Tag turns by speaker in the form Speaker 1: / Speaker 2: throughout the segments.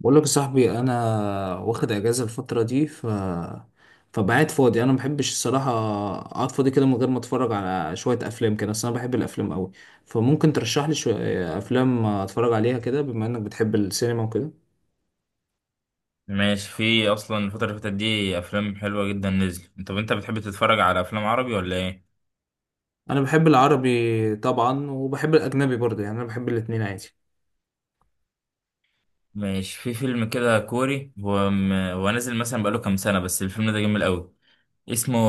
Speaker 1: بقول لك يا صاحبي، انا واخد اجازه الفتره دي، فبقعد فاضي. انا ما بحبش الصراحه اقعد فاضي كده من غير ما اتفرج على شويه افلام كده. اصل انا بحب الافلام قوي، فممكن ترشح لي شويه افلام اتفرج عليها كده بما انك بتحب السينما وكده؟
Speaker 2: ماشي، في اصلا الفترة اللي فاتت دي افلام حلوة جدا نزل. طب انت بتحب تتفرج على افلام عربي ولا ايه؟
Speaker 1: انا بحب العربي طبعا، وبحب الاجنبي برضه. يعني انا بحب الاتنين عادي.
Speaker 2: ماشي، في فيلم كده كوري هو نازل مثلا بقاله كام سنة، بس الفيلم ده جميل قوي. اسمه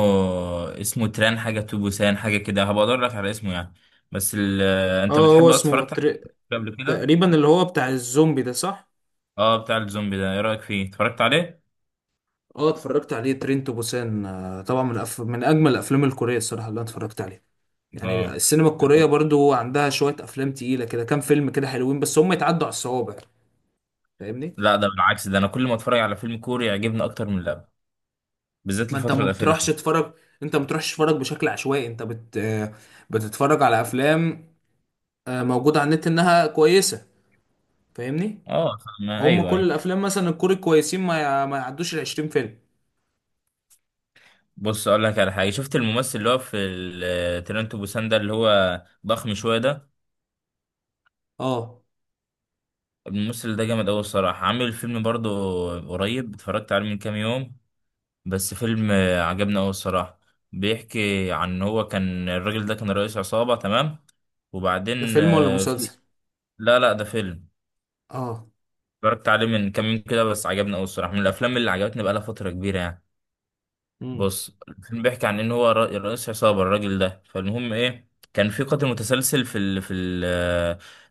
Speaker 2: اسمه تران حاجة تو بوسان حاجة كده، هبقى ادور لك على اسمه يعني. بس ال... انت
Speaker 1: اه، هو
Speaker 2: بتحب اصلا؟
Speaker 1: اسمه
Speaker 2: اتفرجت على قبل كده؟
Speaker 1: تقريبا اللي هو بتاع الزومبي ده، صح؟
Speaker 2: اه، بتاع الزومبي ده، ايه رأيك فيه؟ اتفرجت عليه؟
Speaker 1: اه، اتفرجت عليه، ترين تو بوسان. طبعا، من اجمل الافلام الكوريه الصراحه اللي انا اتفرجت عليها. يعني
Speaker 2: اه،
Speaker 1: السينما الكورية برضو عندها شوية أفلام تقيلة كده، كام فيلم كده حلوين بس، هم يتعدوا على الصوابع. فاهمني؟
Speaker 2: لا ده بالعكس، ده انا كل ما اتفرج على فيلم كوري يعجبني اكتر من اللعبة. بالذات
Speaker 1: ما أنت
Speaker 2: الفترة
Speaker 1: ما
Speaker 2: الأخيرة دي.
Speaker 1: بتروحش تتفرج. أنت ما بتروحش تتفرج بشكل عشوائي. أنت بت... آه، بتتفرج على أفلام موجودة على النت إنها كويسة. فاهمني؟
Speaker 2: اه،
Speaker 1: هم
Speaker 2: ايوه
Speaker 1: كل
Speaker 2: أيوه.
Speaker 1: الأفلام مثلا الكوري كويسين، ما يعدوش ال 20 فيلم.
Speaker 2: بص، اقول لك على حاجه. شفت الممثل اللي هو في ترنتو بوسان ده، اللي هو ضخم شويه ده.
Speaker 1: أه،
Speaker 2: الممثل ده جامد قوي الصراحه، عامل فيلم برضه. قريب اتفرجت عليه من كام يوم. بس فيلم عجبني قوي الصراحه. بيحكي عن إن هو كان الراجل ده كان رئيس عصابه. تمام. وبعدين
Speaker 1: ده فيلم ولا
Speaker 2: في.
Speaker 1: مسلسل؟
Speaker 2: لا لا، ده فيلم.
Speaker 1: أه.
Speaker 2: اتفرجت عليه من كام يوم كده، بس عجبني قوي الصراحه، من الافلام اللي عجبتني بقالها فتره كبيره يعني.
Speaker 1: مم.
Speaker 2: بص، الفيلم بيحكي عن ان هو رئيس عصابه الراجل ده. فالمهم ايه، كان في قاتل متسلسل في ال في ال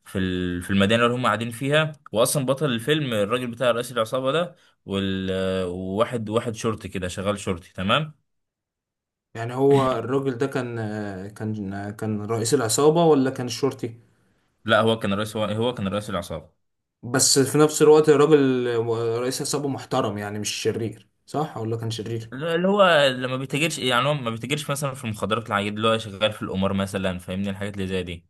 Speaker 2: في ال في المدينه اللي هم قاعدين فيها، واصلا بطل الفيلم الراجل بتاع رئيس العصابه ده. وال وواحد شرطي كده شغال شرطي. تمام.
Speaker 1: يعني هو الراجل ده كان رئيس العصابة، ولا كان الشرطي؟
Speaker 2: لا، هو كان رئيس العصابه.
Speaker 1: بس في نفس الوقت الراجل رئيس عصابة محترم يعني، مش شرير، صح؟ ولا كان شرير؟
Speaker 2: اللي هو لما بيتاجرش، يعني هو ما بيتاجرش مثلا في المخدرات العادية، اللي هو شغال في القمار مثلا، فاهمني الحاجات اللي زي دي.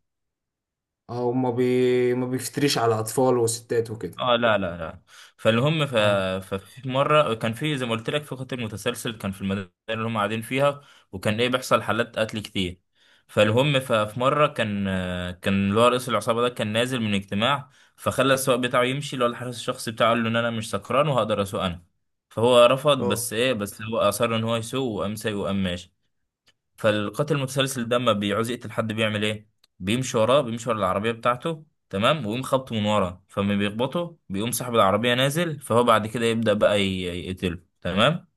Speaker 1: اه، ما بيفتريش على أطفال وستات وكده.
Speaker 2: اه لا لا لا. فالهم
Speaker 1: اه،
Speaker 2: ففي مره، كان في زي ما قلت لك، في قتل متسلسل كان في المدينه اللي هم قاعدين فيها. وكان ايه، بيحصل حالات قتل كتير. فالهم في مره كان اللي هو رئيس العصابه ده كان نازل من اجتماع. فخلى السواق بتاعه يمشي، اللي هو الحارس الشخصي بتاعه، قال له ان انا مش سكران وهقدر اسوق انا. فهو رفض،
Speaker 1: اه،
Speaker 2: بس ايه، بس هو اصر ان هو يسوق، وقام سايق وقام ماشي. فالقاتل المتسلسل ده لما بيعوز يقتل حد بيعمل ايه؟ بيمشي وراه، بيمشي ورا العربيه بتاعته. تمام. ويقوم خبطه من ورا، فما بيخبطه بيقوم صاحب العربيه نازل، فهو بعد كده يبدا بقى يقتله. تمام.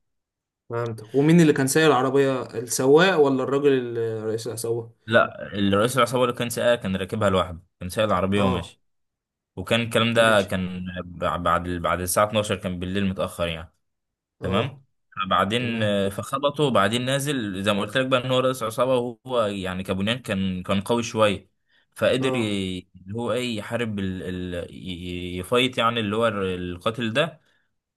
Speaker 1: فهمتك. ومين اللي كان سايق العربية، السواق ولا الراجل رئيس العصابة؟
Speaker 2: لا، الرئيس العصابه اللي كان سايقها كان راكبها لوحده، كان سايق العربيه
Speaker 1: اه.
Speaker 2: وماشي. وكان الكلام ده
Speaker 1: ماشي.
Speaker 2: كان بعد الساعه 12، كان بالليل متاخر يعني.
Speaker 1: اه.
Speaker 2: تمام. بعدين
Speaker 1: تمام.
Speaker 2: فخبطه، وبعدين نازل زي ما قلت لك بقى ان هو رئيس عصابه. وهو يعني كابونيان، كان قوي شويه. فقدر
Speaker 1: اه.
Speaker 2: اللي هو ايه، يحارب يفايت يعني اللي هو القاتل ده.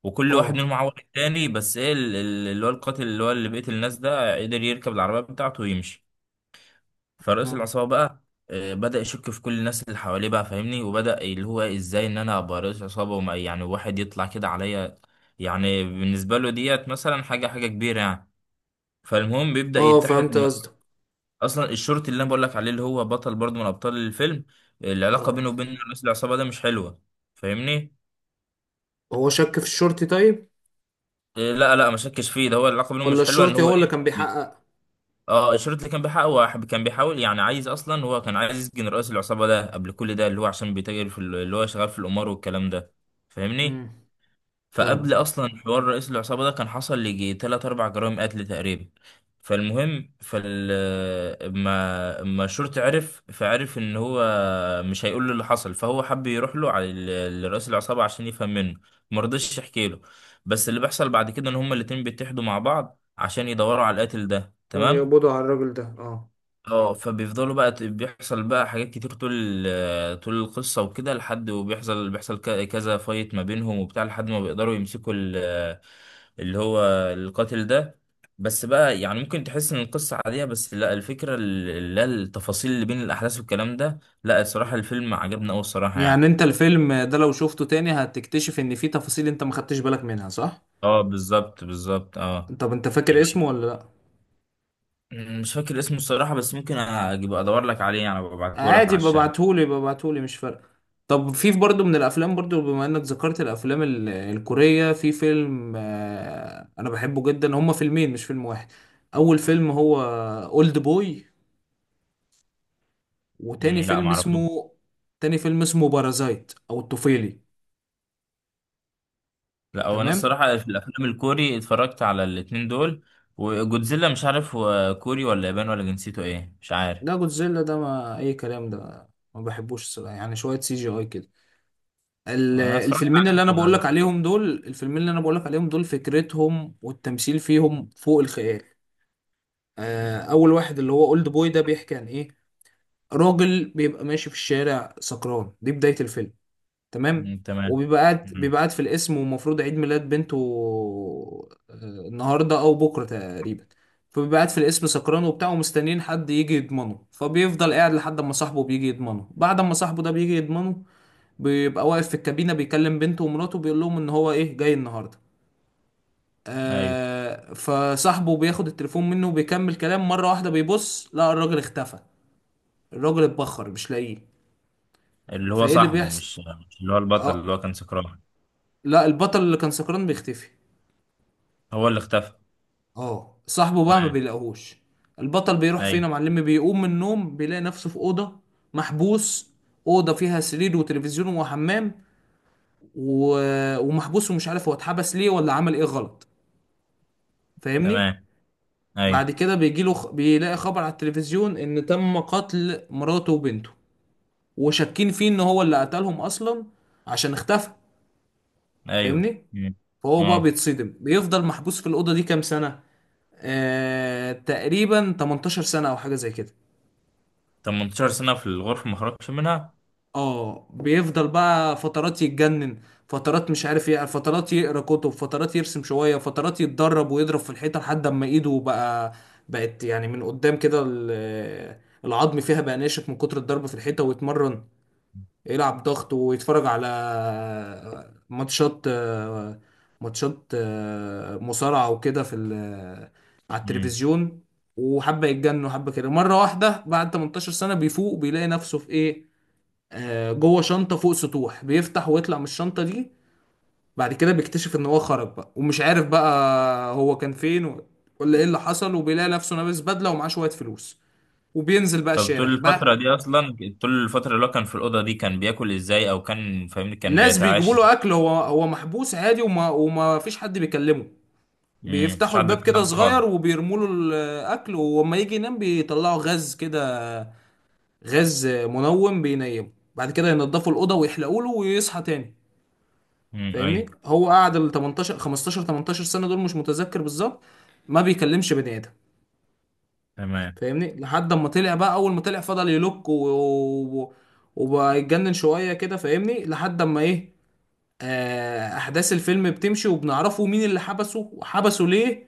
Speaker 2: وكل واحد
Speaker 1: اه.
Speaker 2: منهم عور التاني، بس ايه، اللي هو القاتل اللي هو اللي بيقتل الناس ده قدر يركب العربيه بتاعته ويمشي. فرئيس
Speaker 1: اه.
Speaker 2: العصابة بقى بدأ يشك في كل الناس اللي حواليه بقى، فاهمني، وبدأ اللي هو ازاي ان انا ابقى رئيس عصابة وما يعني واحد يطلع كده عليا. يعني بالنسبة له ديت مثلا حاجة كبيرة يعني. فالمهم بيبدأ
Speaker 1: اه،
Speaker 2: يتحد
Speaker 1: فهمت قصدك.
Speaker 2: اصلا الشرطي اللي انا بقول لك عليه، اللي هو بطل برضه من ابطال الفيلم. العلاقة
Speaker 1: اه.
Speaker 2: بينه وبين رئيس العصابة ده مش حلوة. فاهمني.
Speaker 1: هو شك في الشرطي، طيب؟
Speaker 2: لا لا، ما شكش فيه، ده هو العلاقة بينهم
Speaker 1: ولا
Speaker 2: مش حلوة، ان
Speaker 1: الشرطي
Speaker 2: هو
Speaker 1: هو اللي كان
Speaker 2: ايه.
Speaker 1: بيحقق؟
Speaker 2: اه، الشريط اللي كان بيحاول، هو كان بيحاول، يعني عايز، اصلا هو كان عايز يسجن رئيس العصابه ده قبل كل ده، اللي هو عشان بيتاجر في اللي هو شغال في القمار والكلام ده. فاهمني.
Speaker 1: امم.
Speaker 2: فقبل
Speaker 1: فاهمك. اه.
Speaker 2: اصلا حوار رئيس العصابه ده كان حصل ليجي تلات اربع جرائم قتل تقريبا. فالمهم اما الشرطي عرف، فعرف ان هو مش هيقول له اللي حصل، فهو حب يروح له على لرئيس العصابه عشان يفهم منه. مرضيش يحكي له. بس اللي بيحصل بعد كده ان هما الاتنين بيتحدوا مع بعض عشان يدوروا على القاتل ده.
Speaker 1: يعني
Speaker 2: تمام.
Speaker 1: يقبضوا على الراجل ده؟ اه.
Speaker 2: اه، فبيفضلوا بقى بيحصل بقى حاجات كتير طول طول القصة وكده، لحد وبيحصل كذا فايت ما بينهم وبتاع، لحد ما بيقدروا يمسكوا اللي هو القاتل ده. بس بقى يعني، ممكن تحس ان القصة عادية، بس لا، الفكرة لا التفاصيل اللي بين الأحداث والكلام ده، لا الصراحة الفيلم عجبني أوي الصراحة
Speaker 1: يعني
Speaker 2: يعني.
Speaker 1: انت الفيلم ده لو شفته تاني هتكتشف ان فيه تفاصيل انت ما خدتش بالك منها، صح؟
Speaker 2: اه بالظبط بالظبط، اه.
Speaker 1: طب انت فاكر اسمه ولا لا؟
Speaker 2: يعني مش فاكر اسمه الصراحة، بس ممكن أجيب أدور لك عليه يعني، ببعته لك
Speaker 1: عادي
Speaker 2: على الشات.
Speaker 1: ببعتهولي، مش فارقه. طب في برضه من الافلام، برضه بما انك ذكرت الافلام الكوريه، في فيلم انا بحبه جدا. هما فيلمين مش فيلم واحد. اول فيلم هو اولد بوي، وتاني
Speaker 2: لا
Speaker 1: فيلم
Speaker 2: معرفوش.
Speaker 1: اسمه، بارازايت او الطفيلي.
Speaker 2: لا، هو انا
Speaker 1: تمام.
Speaker 2: الصراحه في الافلام الكوري اتفرجت على الاتنين دول. وجودزيلا مش عارف هو كوري ولا ياباني ولا جنسيته ايه، مش عارف.
Speaker 1: ده جودزيلا ده ما اي كلام. ده ما بحبوش الصراحة. يعني شويه سي جي اي كده.
Speaker 2: انا اتفرجت عليه يعني.
Speaker 1: الفيلمين اللي انا بقولك عليهم دول، فكرتهم والتمثيل فيهم فوق الخيال. اول واحد اللي هو اولد بوي ده بيحكي عن ايه. راجل بيبقى ماشي في الشارع سكران، دي بداية الفيلم. تمام.
Speaker 2: مم، تمام.
Speaker 1: وبيبقى قاعد
Speaker 2: مم،
Speaker 1: بيبقى قاعد في القسم، ومفروض عيد ميلاد بنته آه، النهارده او بكره تقريبا. فبيبقى قاعد في القسم سكران وبتاع، ومستنيين حد يجي يضمنه. فبيفضل قاعد لحد ما صاحبه بيجي يضمنه. بعد ما صاحبه ده بيجي يضمنه، بيبقى واقف في الكابينة بيكلم بنته ومراته، بيقول لهم ان هو ايه جاي النهاردة.
Speaker 2: ايوه.
Speaker 1: فصاحبه بياخد التليفون منه وبيكمل كلام. مرة واحدة بيبص، لا الراجل اختفى. الراجل اتبخر، مش لاقيه.
Speaker 2: اللي هو
Speaker 1: فايه اللي
Speaker 2: صاحبه
Speaker 1: بيحصل.
Speaker 2: مش اللي هو البطل
Speaker 1: اه.
Speaker 2: اللي هو كان سكران.
Speaker 1: لا، البطل اللي كان سكران بيختفي.
Speaker 2: هو اللي اختفى.
Speaker 1: اه، صاحبه بقى ما
Speaker 2: تمام.
Speaker 1: بيلاقوهوش. البطل بيروح فين يا
Speaker 2: ايوه.
Speaker 1: معلم؟ بيقوم من النوم بيلاقي نفسه في أوضة محبوس. أوضة فيها سرير وتلفزيون وحمام، و... ومحبوس، ومش عارف هو اتحبس ليه ولا عمل ايه غلط. فاهمني.
Speaker 2: تمام. ايوه،
Speaker 1: بعد كده بيجي له بيلاقي خبر على التلفزيون ان تم قتل مراته وبنته، وشاكين فيه ان هو اللي قتلهم اصلا، عشان اختفى.
Speaker 2: ايوه.
Speaker 1: فاهمني.
Speaker 2: مم.
Speaker 1: فهو بقى
Speaker 2: اه.
Speaker 1: بيتصدم، بيفضل محبوس في الاوضه دي كام سنه. تقريبا 18 سنه او حاجه زي كده.
Speaker 2: 18 سنه في الغرفه ما خرجش منها؟
Speaker 1: اه. بيفضل بقى فترات يتجنن، فترات مش عارف ايه، فترات يقرا كتب، فترات يرسم شويه، فترات يتدرب ويضرب في الحيطه لحد اما ايده بقى، بقت يعني من قدام كده العظم فيها بقى ناشف من كتر الضرب في الحيطه، ويتمرن يلعب ضغط ويتفرج على ماتشات، ماتشات مصارعه وكده على
Speaker 2: مم.
Speaker 1: التلفزيون. وحبه يتجنن وحبه كده، مره واحده بعد 18 سنه بيفوق بيلاقي نفسه في ايه، جوه شنطة فوق سطوح. بيفتح ويطلع من الشنطة دي. بعد كده بيكتشف ان هو خرج بقى، ومش عارف بقى هو كان فين ولا ايه اللي حصل. وبيلاقي نفسه لابس بدلة، ومعاه شوية فلوس، وبينزل بقى
Speaker 2: طب، طول
Speaker 1: الشارع بقى.
Speaker 2: الفتره دي اصلا، طول الفتره اللي هو كان في الاوضه دي كان بياكل ازاي، او كان فاهمني، كان
Speaker 1: ناس بيجيبوا
Speaker 2: بيتعاش؟
Speaker 1: له اكل. هو محبوس عادي، وما فيش حد بيكلمه.
Speaker 2: مش
Speaker 1: بيفتحوا
Speaker 2: حد
Speaker 1: الباب
Speaker 2: بيتكلم
Speaker 1: كده
Speaker 2: معاه خالص؟
Speaker 1: صغير وبيرموا له الاكل، ولما يجي ينام بيطلعوا غاز كده، غاز منوم بينيمه. بعد كده ينضفوا الاوضه ويحلقوا له ويصحى تاني. فاهمني.
Speaker 2: ايوه.
Speaker 1: هو قعد ال 18 15 18 سنه دول مش متذكر بالظبط، ما بيكلمش بني ادم.
Speaker 2: تمام.
Speaker 1: فاهمني لحد اما طلع بقى. اول ما طلع فضل يلوك و... وبقى يتجنن شويه كده. فاهمني لحد اما ايه، احداث الفيلم بتمشي وبنعرفه مين اللي حبسه وحبسه ليه.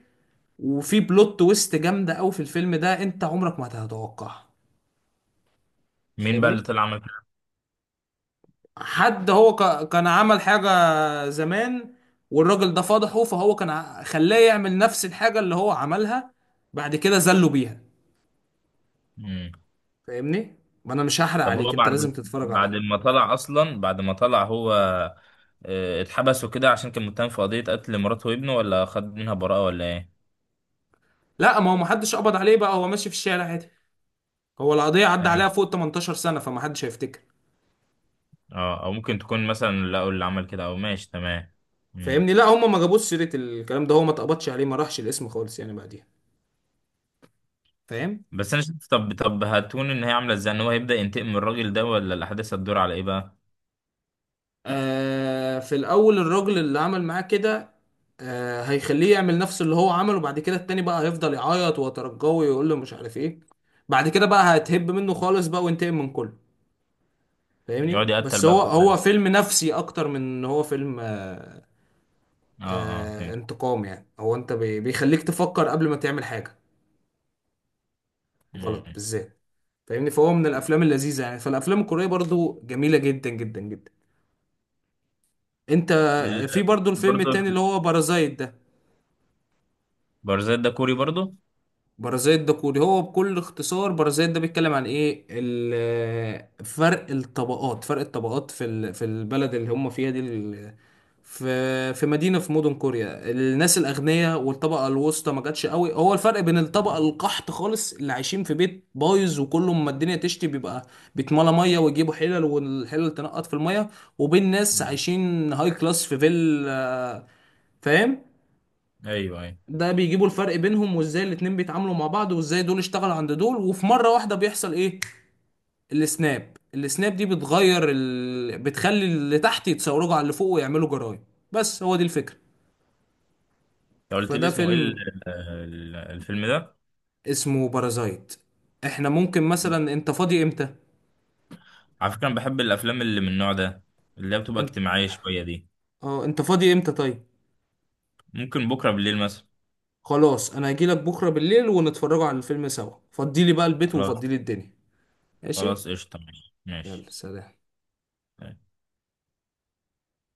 Speaker 1: وفي بلوت تويست جامده قوي في الفيلم ده انت عمرك ما هتتوقعها.
Speaker 2: مين بقى اللي
Speaker 1: فاهمني.
Speaker 2: طلع عمل كده؟
Speaker 1: حد هو كان عمل حاجة زمان، والراجل ده فضحه. فهو كان خلاه يعمل نفس الحاجة اللي هو عملها، بعد كده زله بيها.
Speaker 2: امم.
Speaker 1: فاهمني؟ ما انا مش هحرق
Speaker 2: طب هو
Speaker 1: عليك، انت
Speaker 2: بعد،
Speaker 1: لازم تتفرج
Speaker 2: بعد
Speaker 1: عليه.
Speaker 2: ما طلع اصلا بعد ما طلع هو اتحبس وكده عشان كان متهم في قضية قتل مراته وابنه، ولا خد منها براءة ولا ايه؟
Speaker 1: لا، ما هو محدش قبض عليه بقى، هو ماشي في الشارع عادي. هو القضية عدى
Speaker 2: ايوه.
Speaker 1: عليها فوق 18 سنة، فمحدش هيفتكر.
Speaker 2: اه، او ممكن تكون مثلا لقوا اللي عمل كده، او ماشي. تمام. امم.
Speaker 1: فاهمني؟ لا، هم ما جابوش سيرة الكلام ده. هو ما اتقبضش عليه، ما راحش الاسم خالص يعني بعديها. فاهم؟
Speaker 2: بس انا شفت، طب هتكون ان هي عامله ازاي، ان هو هيبدأ ينتقم من الراجل ده، ولا الاحداث هتدور على ايه بقى؟
Speaker 1: في الاول الراجل اللي عمل معاه كده، هيخليه يعمل نفس اللي هو عمله. بعد كده التاني بقى هيفضل يعيط ويترجوه ويقول له مش عارف ايه. بعد كده بقى هتهب منه خالص بقى، وينتقم من كله. فاهمني.
Speaker 2: يقعد يقتل
Speaker 1: بس
Speaker 2: بقى
Speaker 1: هو
Speaker 2: في الناس.
Speaker 1: فيلم نفسي اكتر من ان هو فيلم.
Speaker 2: اه. اه، فهمت.
Speaker 1: انتقام يعني. هو انت بيخليك تفكر قبل ما تعمل حاجة غلط
Speaker 2: امم.
Speaker 1: بالذات. فاهمني. فهو من الافلام اللذيذة يعني. فالافلام الكورية برضو جميلة جدا جدا جدا. انت
Speaker 2: ال-
Speaker 1: في برضو الفيلم
Speaker 2: برضه
Speaker 1: التاني اللي هو بارازايت ده.
Speaker 2: بارزات ده كوري برضه؟
Speaker 1: بارازيت ده كوري. هو بكل اختصار بارازيت ده بيتكلم عن ايه؟ فرق الطبقات في البلد اللي هم فيها دي في مدينة في مدن كوريا. الناس الأغنياء والطبقة الوسطى ما جاتش قوي. هو الفرق بين الطبقة القحط خالص اللي عايشين في بيت بايظ وكله، ما الدنيا تشتي بيبقى بيتملى مية ويجيبوا حلل والحلل تنقط في المية، وبين ناس
Speaker 2: مم.
Speaker 1: عايشين هاي كلاس في فيل. فاهم؟
Speaker 2: ايوه، ايوه.
Speaker 1: ده بيجيبوا الفرق بينهم، وازاي الاتنين بيتعاملوا مع بعض، وازاي دول اشتغلوا عند دول، وفي مرة واحدة بيحصل ايه؟ السناب دي بتغير بتخلي اللي تحت يتصوروا على اللي فوق ويعملوا جرايم. بس هو دي الفكرة.
Speaker 2: انت قلت لي
Speaker 1: فده
Speaker 2: اسمه ايه
Speaker 1: فيلم
Speaker 2: الفيلم ده؟
Speaker 1: اسمه بارازايت. احنا ممكن مثلا انت فاضي امتى؟
Speaker 2: على فكره، انا بحب الافلام اللي من النوع ده، اللي هي بتبقى
Speaker 1: انت
Speaker 2: اجتماعيه شويه دي.
Speaker 1: اه، انت فاضي امتى طيب؟
Speaker 2: ممكن بكره بالليل مثلا.
Speaker 1: خلاص انا هجيلك بكرة بالليل ونتفرجوا على الفيلم سوا. فضيلي بقى البيت
Speaker 2: خلاص.
Speaker 1: وفضيلي الدنيا. ماشي.
Speaker 2: خلاص، قشطه، ماشي ماشي.
Speaker 1: يلا، سلام.